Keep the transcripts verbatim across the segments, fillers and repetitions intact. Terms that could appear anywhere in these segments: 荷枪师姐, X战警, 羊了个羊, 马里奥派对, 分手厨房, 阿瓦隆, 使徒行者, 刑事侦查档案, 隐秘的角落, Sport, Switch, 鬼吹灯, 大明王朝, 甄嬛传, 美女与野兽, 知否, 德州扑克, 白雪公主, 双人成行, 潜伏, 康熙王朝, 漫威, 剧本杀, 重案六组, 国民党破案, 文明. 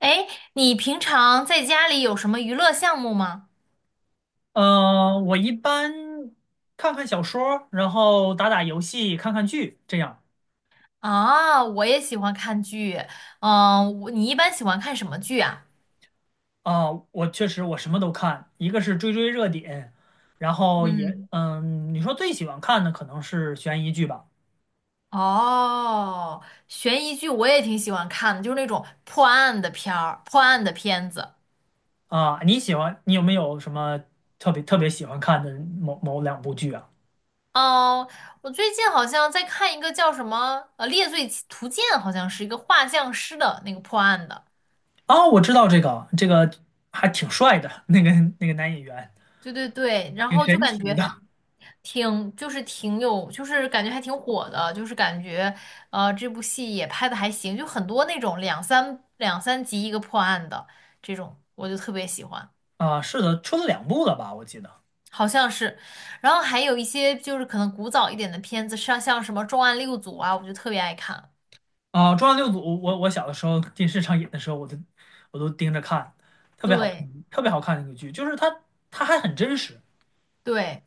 哎，你平常在家里有什么娱乐项目吗？呃，我一般看看小说儿然后打打游戏，看看剧，这样。啊，我也喜欢看剧。嗯，我你一般喜欢看什么剧啊？啊，我确实，我什么都看，一个是追追热点，然后也嗯，嗯，你说最喜欢看的可能是悬疑剧吧？哦，悬疑剧我也挺喜欢看的，就是那种破案的片儿、破案的片子。啊，你喜欢你有没有什么特别特别喜欢看的某某两部剧啊？哦，我最近好像在看一个叫什么呃《猎罪图鉴》，好像是一个画像师的那个破案的。啊，我知道这个这个还挺帅的，那个那个男演员对对对，然挺后就神感奇觉。的。挺就是挺有，就是感觉还挺火的，就是感觉呃这部戏也拍的还行，就很多那种两三两三集一个破案的这种，我就特别喜欢，啊，是的，出了两部了吧？我记得。好像是。然后还有一些就是可能古早一点的片子，像像什么《重案六组》啊，我就特别爱看。啊，呃《重案六组》我我小的时候电视上演的时候，我都我都盯着看，特别好看，对特别好看那个剧，就是它它还很真实。对，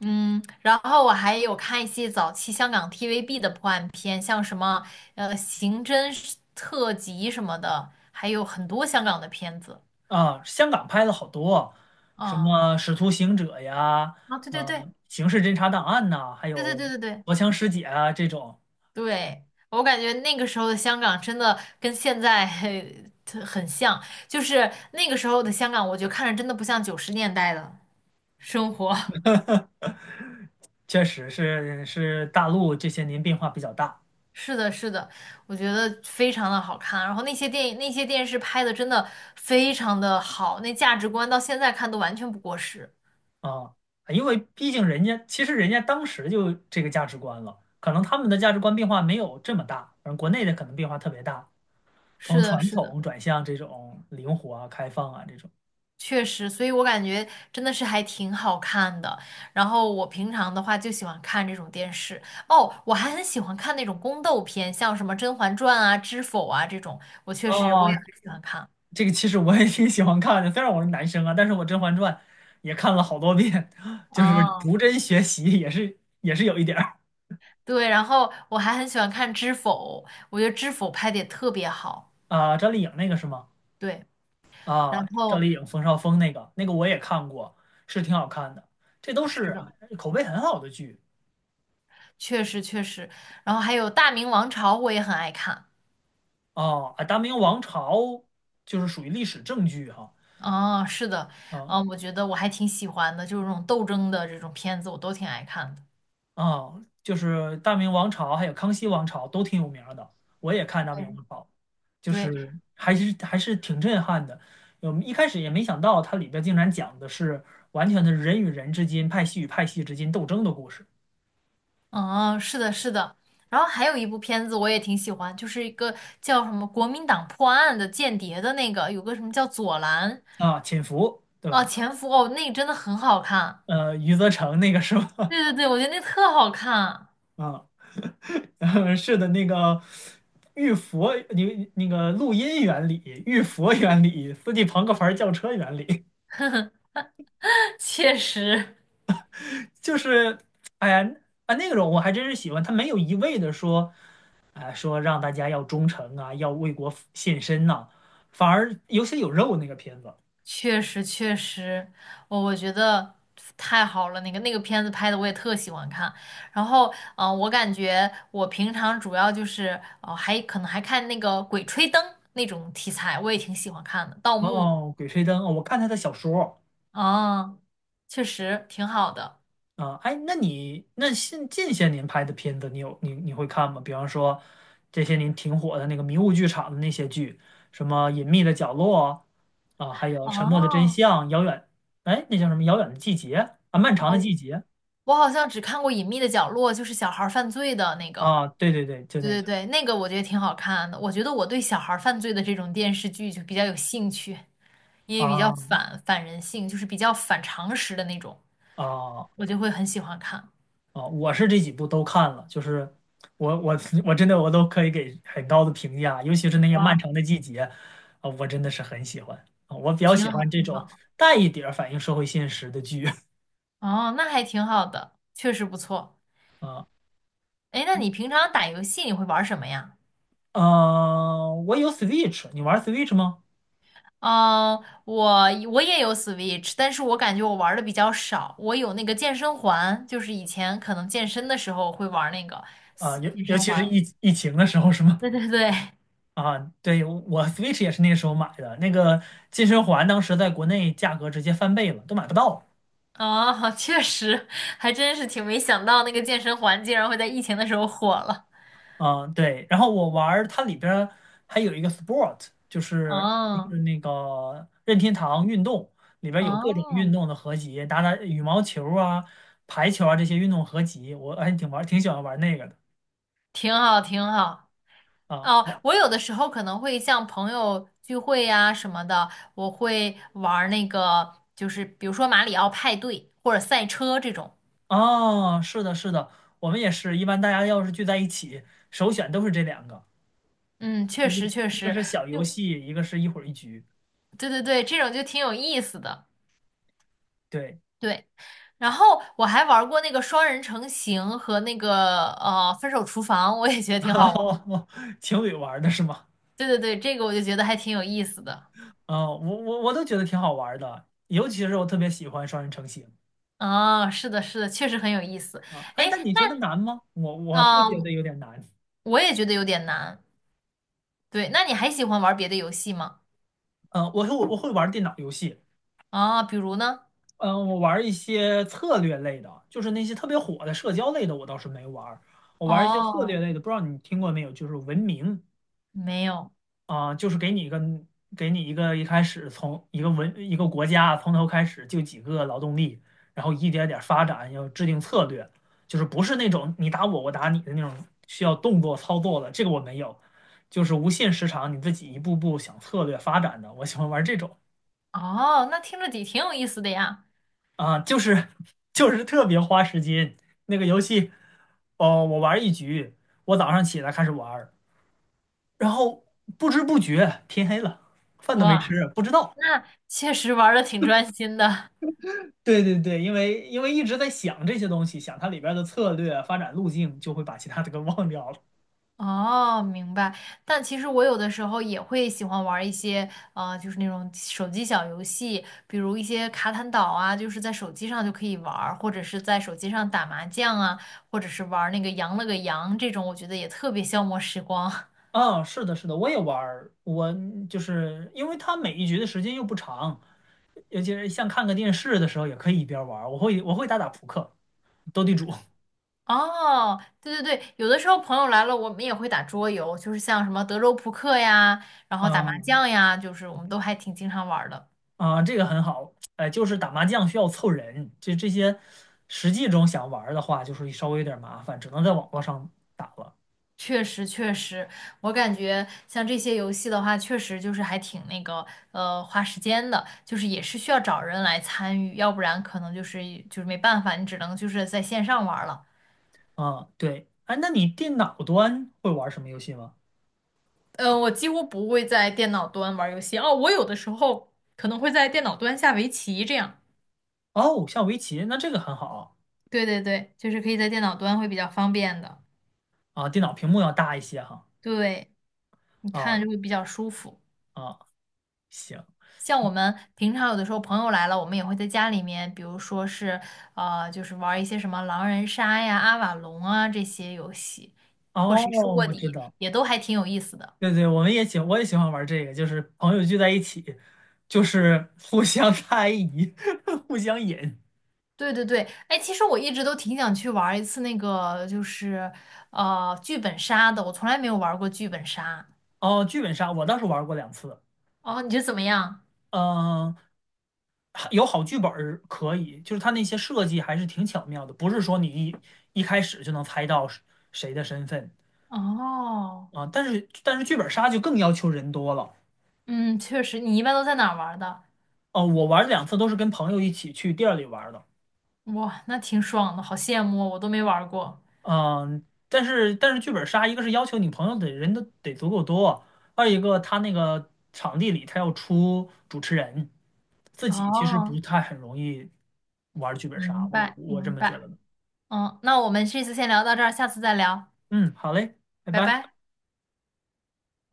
嗯，然后我还有看一些早期香港 T V B 的破案片，像什么呃刑侦特辑什么的，还有很多香港的片子。啊，香港拍了好多，什嗯。么《使徒行者》呀，啊，对呃，对对《刑事侦查档案》呐，还对对有对对对《荷枪师姐》啊这种。对，我感觉那个时候的香港真的跟现在很很像，就是那个时候的香港，我觉得看着真的不像九十年代的生活。确实是是大陆这些年变化比较大。是的，是的，我觉得非常的好看。然后那些电影、那些电视拍的真的非常的好，那价值观到现在看都完全不过时。啊，因为毕竟人家其实人家当时就这个价值观了，可能他们的价值观变化没有这么大，而国内的可能变化特别大。是从的，传是的。统转向这种灵活啊、开放啊这种。确实，所以我感觉真的是还挺好看的。然后我平常的话就喜欢看这种电视。哦，我还很喜欢看那种宫斗片，像什么《甄嬛传》啊、《知否》啊这种，我确实我也哦，很喜欢看。这个其实我也挺喜欢看的，虽然我是男生啊，但是我《甄嬛传》也看了好多遍，就是哦，逐帧学习也是也是有一点儿。对，然后我还很喜欢看《知否》，我觉得《知否》拍的也特别好。啊。赵丽颖那个是吗？对，然啊，赵后丽颖、冯绍峰那个那个我也看过，是挺好看的，这都是是的，口碑很好的剧。确实确实，然后还有《大明王朝》，我也很爱看。哦。啊，《大明王朝》就是属于历史正剧哈。哦，是的，嗯。嗯，我觉得我还挺喜欢的，就是这种斗争的这种片子，我都挺爱看的。啊，就是大明王朝还有康熙王朝都挺有名儿的，我也看大明对王朝，就对，是还是还是挺震撼的。我们一开始也没想到它里边竟然讲的是完全的人与人之间、派系与派系之间斗争的故事。嗯，是的，是的。然后还有一部片子我也挺喜欢，就是一个叫什么《国民党破案》的间谍的那个，有个什么叫左蓝啊，潜伏，对啊吧？前夫哦，那个真的很好看。呃，余则成那个是对吧？对对，我觉得那特好看，啊，是的，那个玉佛，你那个录音原理、玉佛原理、斯蒂庞克牌轿车原理 确实，就是，哎呀，啊那个种我还真是喜欢，他没有一味的说，啊，说让大家要忠诚啊，要为国献身呐、反而有血有肉那个片子。确实，确实，我我觉得太好了，那个那个片子拍的我也特喜欢看。然后，嗯、我感觉我平常主要就是，哦、还可能还看那个《鬼吹灯》那种题材，我也挺喜欢看的，盗墓的。哦，《鬼吹灯》哦，我看他的小说。哦，确实挺好的。啊，哎，那你那近近些年拍的片子，你有你你会看吗？比方说这些年挺火的那个迷雾剧场的那些剧，什么《隐秘的角落》啊，还有《沉默的真哦，相》，遥远，哎，那叫什么《遥远的季节》啊，《漫长的哦，季节》。我好像只看过《隐秘的角落》，就是小孩儿犯罪的那个。啊，对对对，就对那对个。对，那个我觉得挺好看的。我觉得我对小孩儿犯罪的这种电视剧就比较有兴趣，因为比较啊反反人性，就是比较反常识的那种，啊我就会很喜欢看。啊！我是这几部都看了，就是我我 我真的我都可以给很高的评价，尤其是那些漫哇，长的季节啊，我真的是很喜欢啊，我比较挺喜好，欢这挺种好。带一点儿反映社会现实的剧 哦，那还挺好的，确实不错。啊哎，那你平常打游戏你会玩什么呀？啊！我有 Switch，你玩 Switch 吗？嗯，我我也有 Switch,但是我感觉我玩的比较少。我有那个健身环，就是以前可能健身的时候会玩那个啊，斯尤健尤身其是环。疫疫情的时候是吗？对对对，啊，对，我 Switch 也是那时候买的，那个健身环当时在国内价格直接翻倍了，都买不到。哦，确实，还真是挺没想到那个健身环竟然会在疫情的时候火了。嗯，对。然后我玩儿它里边儿还有一个 Sport，就是就哦是那个任天堂运动里边儿有各种运哦，动的合集，打打羽毛球啊、排球啊这些运动合集，我还挺玩儿挺喜欢玩儿那个的。挺好挺好。哦，啊。我有的时候可能会像朋友聚会呀、什么的，我会玩儿那个，就是比如说马里奥派对或者赛车这种。哦，是的，是的，我们也是一般大家要是聚在一起，首选都是这两个，嗯，确一个实确一个实，是小游就戏，一个是一会儿一局。对对对，这种就挺有意思的。对。对，然后我还玩过那个双人成行和那个呃分手厨房，我也觉得挺好玩。情侣玩儿的是吗？对对对，这个我就觉得还挺有意思的。嗯，我我我都觉得挺好玩儿的，尤其是我特别喜欢双人成行。啊，是的，是的，确实很有意思。啊。哎，哎，但你觉得难吗？我我会那觉嗯、得有点难。我也觉得有点难。对，那你还喜欢玩别的游戏吗？嗯，我会我会玩儿电脑游戏。啊，比如呢？嗯，我玩儿一些策略类的，就是那些特别火的社交类的，我倒是没玩儿。我玩儿一些策略哦，类的，不知道你听过没有？就是文明。没有。啊，就是给你一个给你一个一开始从一个文一个国家从头开始就几个劳动力，然后一点点发展，要制定策略，就是不是那种你打我我打你的那种需要动作操作的，这个我没有，就是无限时长，你自己一步步想策略发展的，我喜欢玩这种。哦，那听着底挺有意思的呀。啊，就是 就是特别花时间那个游戏，哦，我玩一局，我早上起来开始玩儿然后不知不觉天黑了，饭都没哇，吃，不知道。那确实玩的挺专心的。对对对，因为因为一直在想这些东西，想它里边的策略啊、发展路径，就会把其他的给忘掉了。哦，明白。但其实我有的时候也会喜欢玩儿一些，呃，就是那种手机小游戏，比如一些卡坦岛啊，就是在手机上就可以玩儿或者是在手机上打麻将啊，或者是玩儿那个羊了个羊这种，我觉得也特别消磨时光。啊，是的，是的，我也玩儿，我就是因为它每一局的时间又不长，尤其是像看个电视的时候，也可以一边玩儿。我会我会打打扑克、斗地主。哦，对对对，有的时候朋友来了，我们也会打桌游，就是像什么德州扑克呀，然后打啊麻将呀，就是我们都还挺经常玩儿的。啊，这个很好。哎，就是打麻将需要凑人，这这些实际中想玩儿的话，就是稍微有点麻烦，只能在网络上打了。确实，确实，我感觉像这些游戏的话，确实就是还挺那个，呃，花时间的，就是也是需要找人来参与，要不然可能就是就是没办法，你只能就是在线上玩儿了。啊，对，哎，那你电脑端会玩什么游戏吗？呃，我几乎不会在电脑端玩儿游戏，哦，我有的时候可能会在电脑端下围棋这样。哦，下围棋，那这个很好对对对，就是可以在电脑端会比较方便的，啊，电脑屏幕要大一些哈。对，你啊看就会比较舒服。啊，行，像我们平常有的时候朋友来了，我们也会在家里面，比如说是呃，就是玩儿一些什么狼人杀呀、阿瓦隆啊这些游戏，或谁是哦，卧我知底，道，也都还挺有意思的。对对，我们也喜，我也喜欢玩这个，就是朋友聚在一起，就是 互相猜疑，互相引。对对对，哎，其实我一直都挺想去玩儿一次那个，就是呃剧本杀的，我从来没有玩儿过剧本杀。哦，剧本杀我倒是玩过两次。哦，你觉得怎么样？嗯，还有好剧本儿可以，就是它那些设计还是挺巧妙的，不是说你一一开始就能猜到是谁的身份。哦，啊，但是但是剧本杀就更要求人多了。嗯，确实，你一般都在哪儿玩儿的？哦，我玩两次都是跟朋友一起去店儿里玩儿的。哇，那挺爽的，好羡慕哦我都没玩儿过。嗯，但是但是剧本杀，一个是要求你朋友得人都得足够多，二一个他那个场地里他要出主持人，自己其实不哦，太很容易玩剧本杀，明我白我这明么觉白。得的。嗯，那我们这次先聊到这儿，下次再聊，嗯，好嘞，拜拜拜。拜。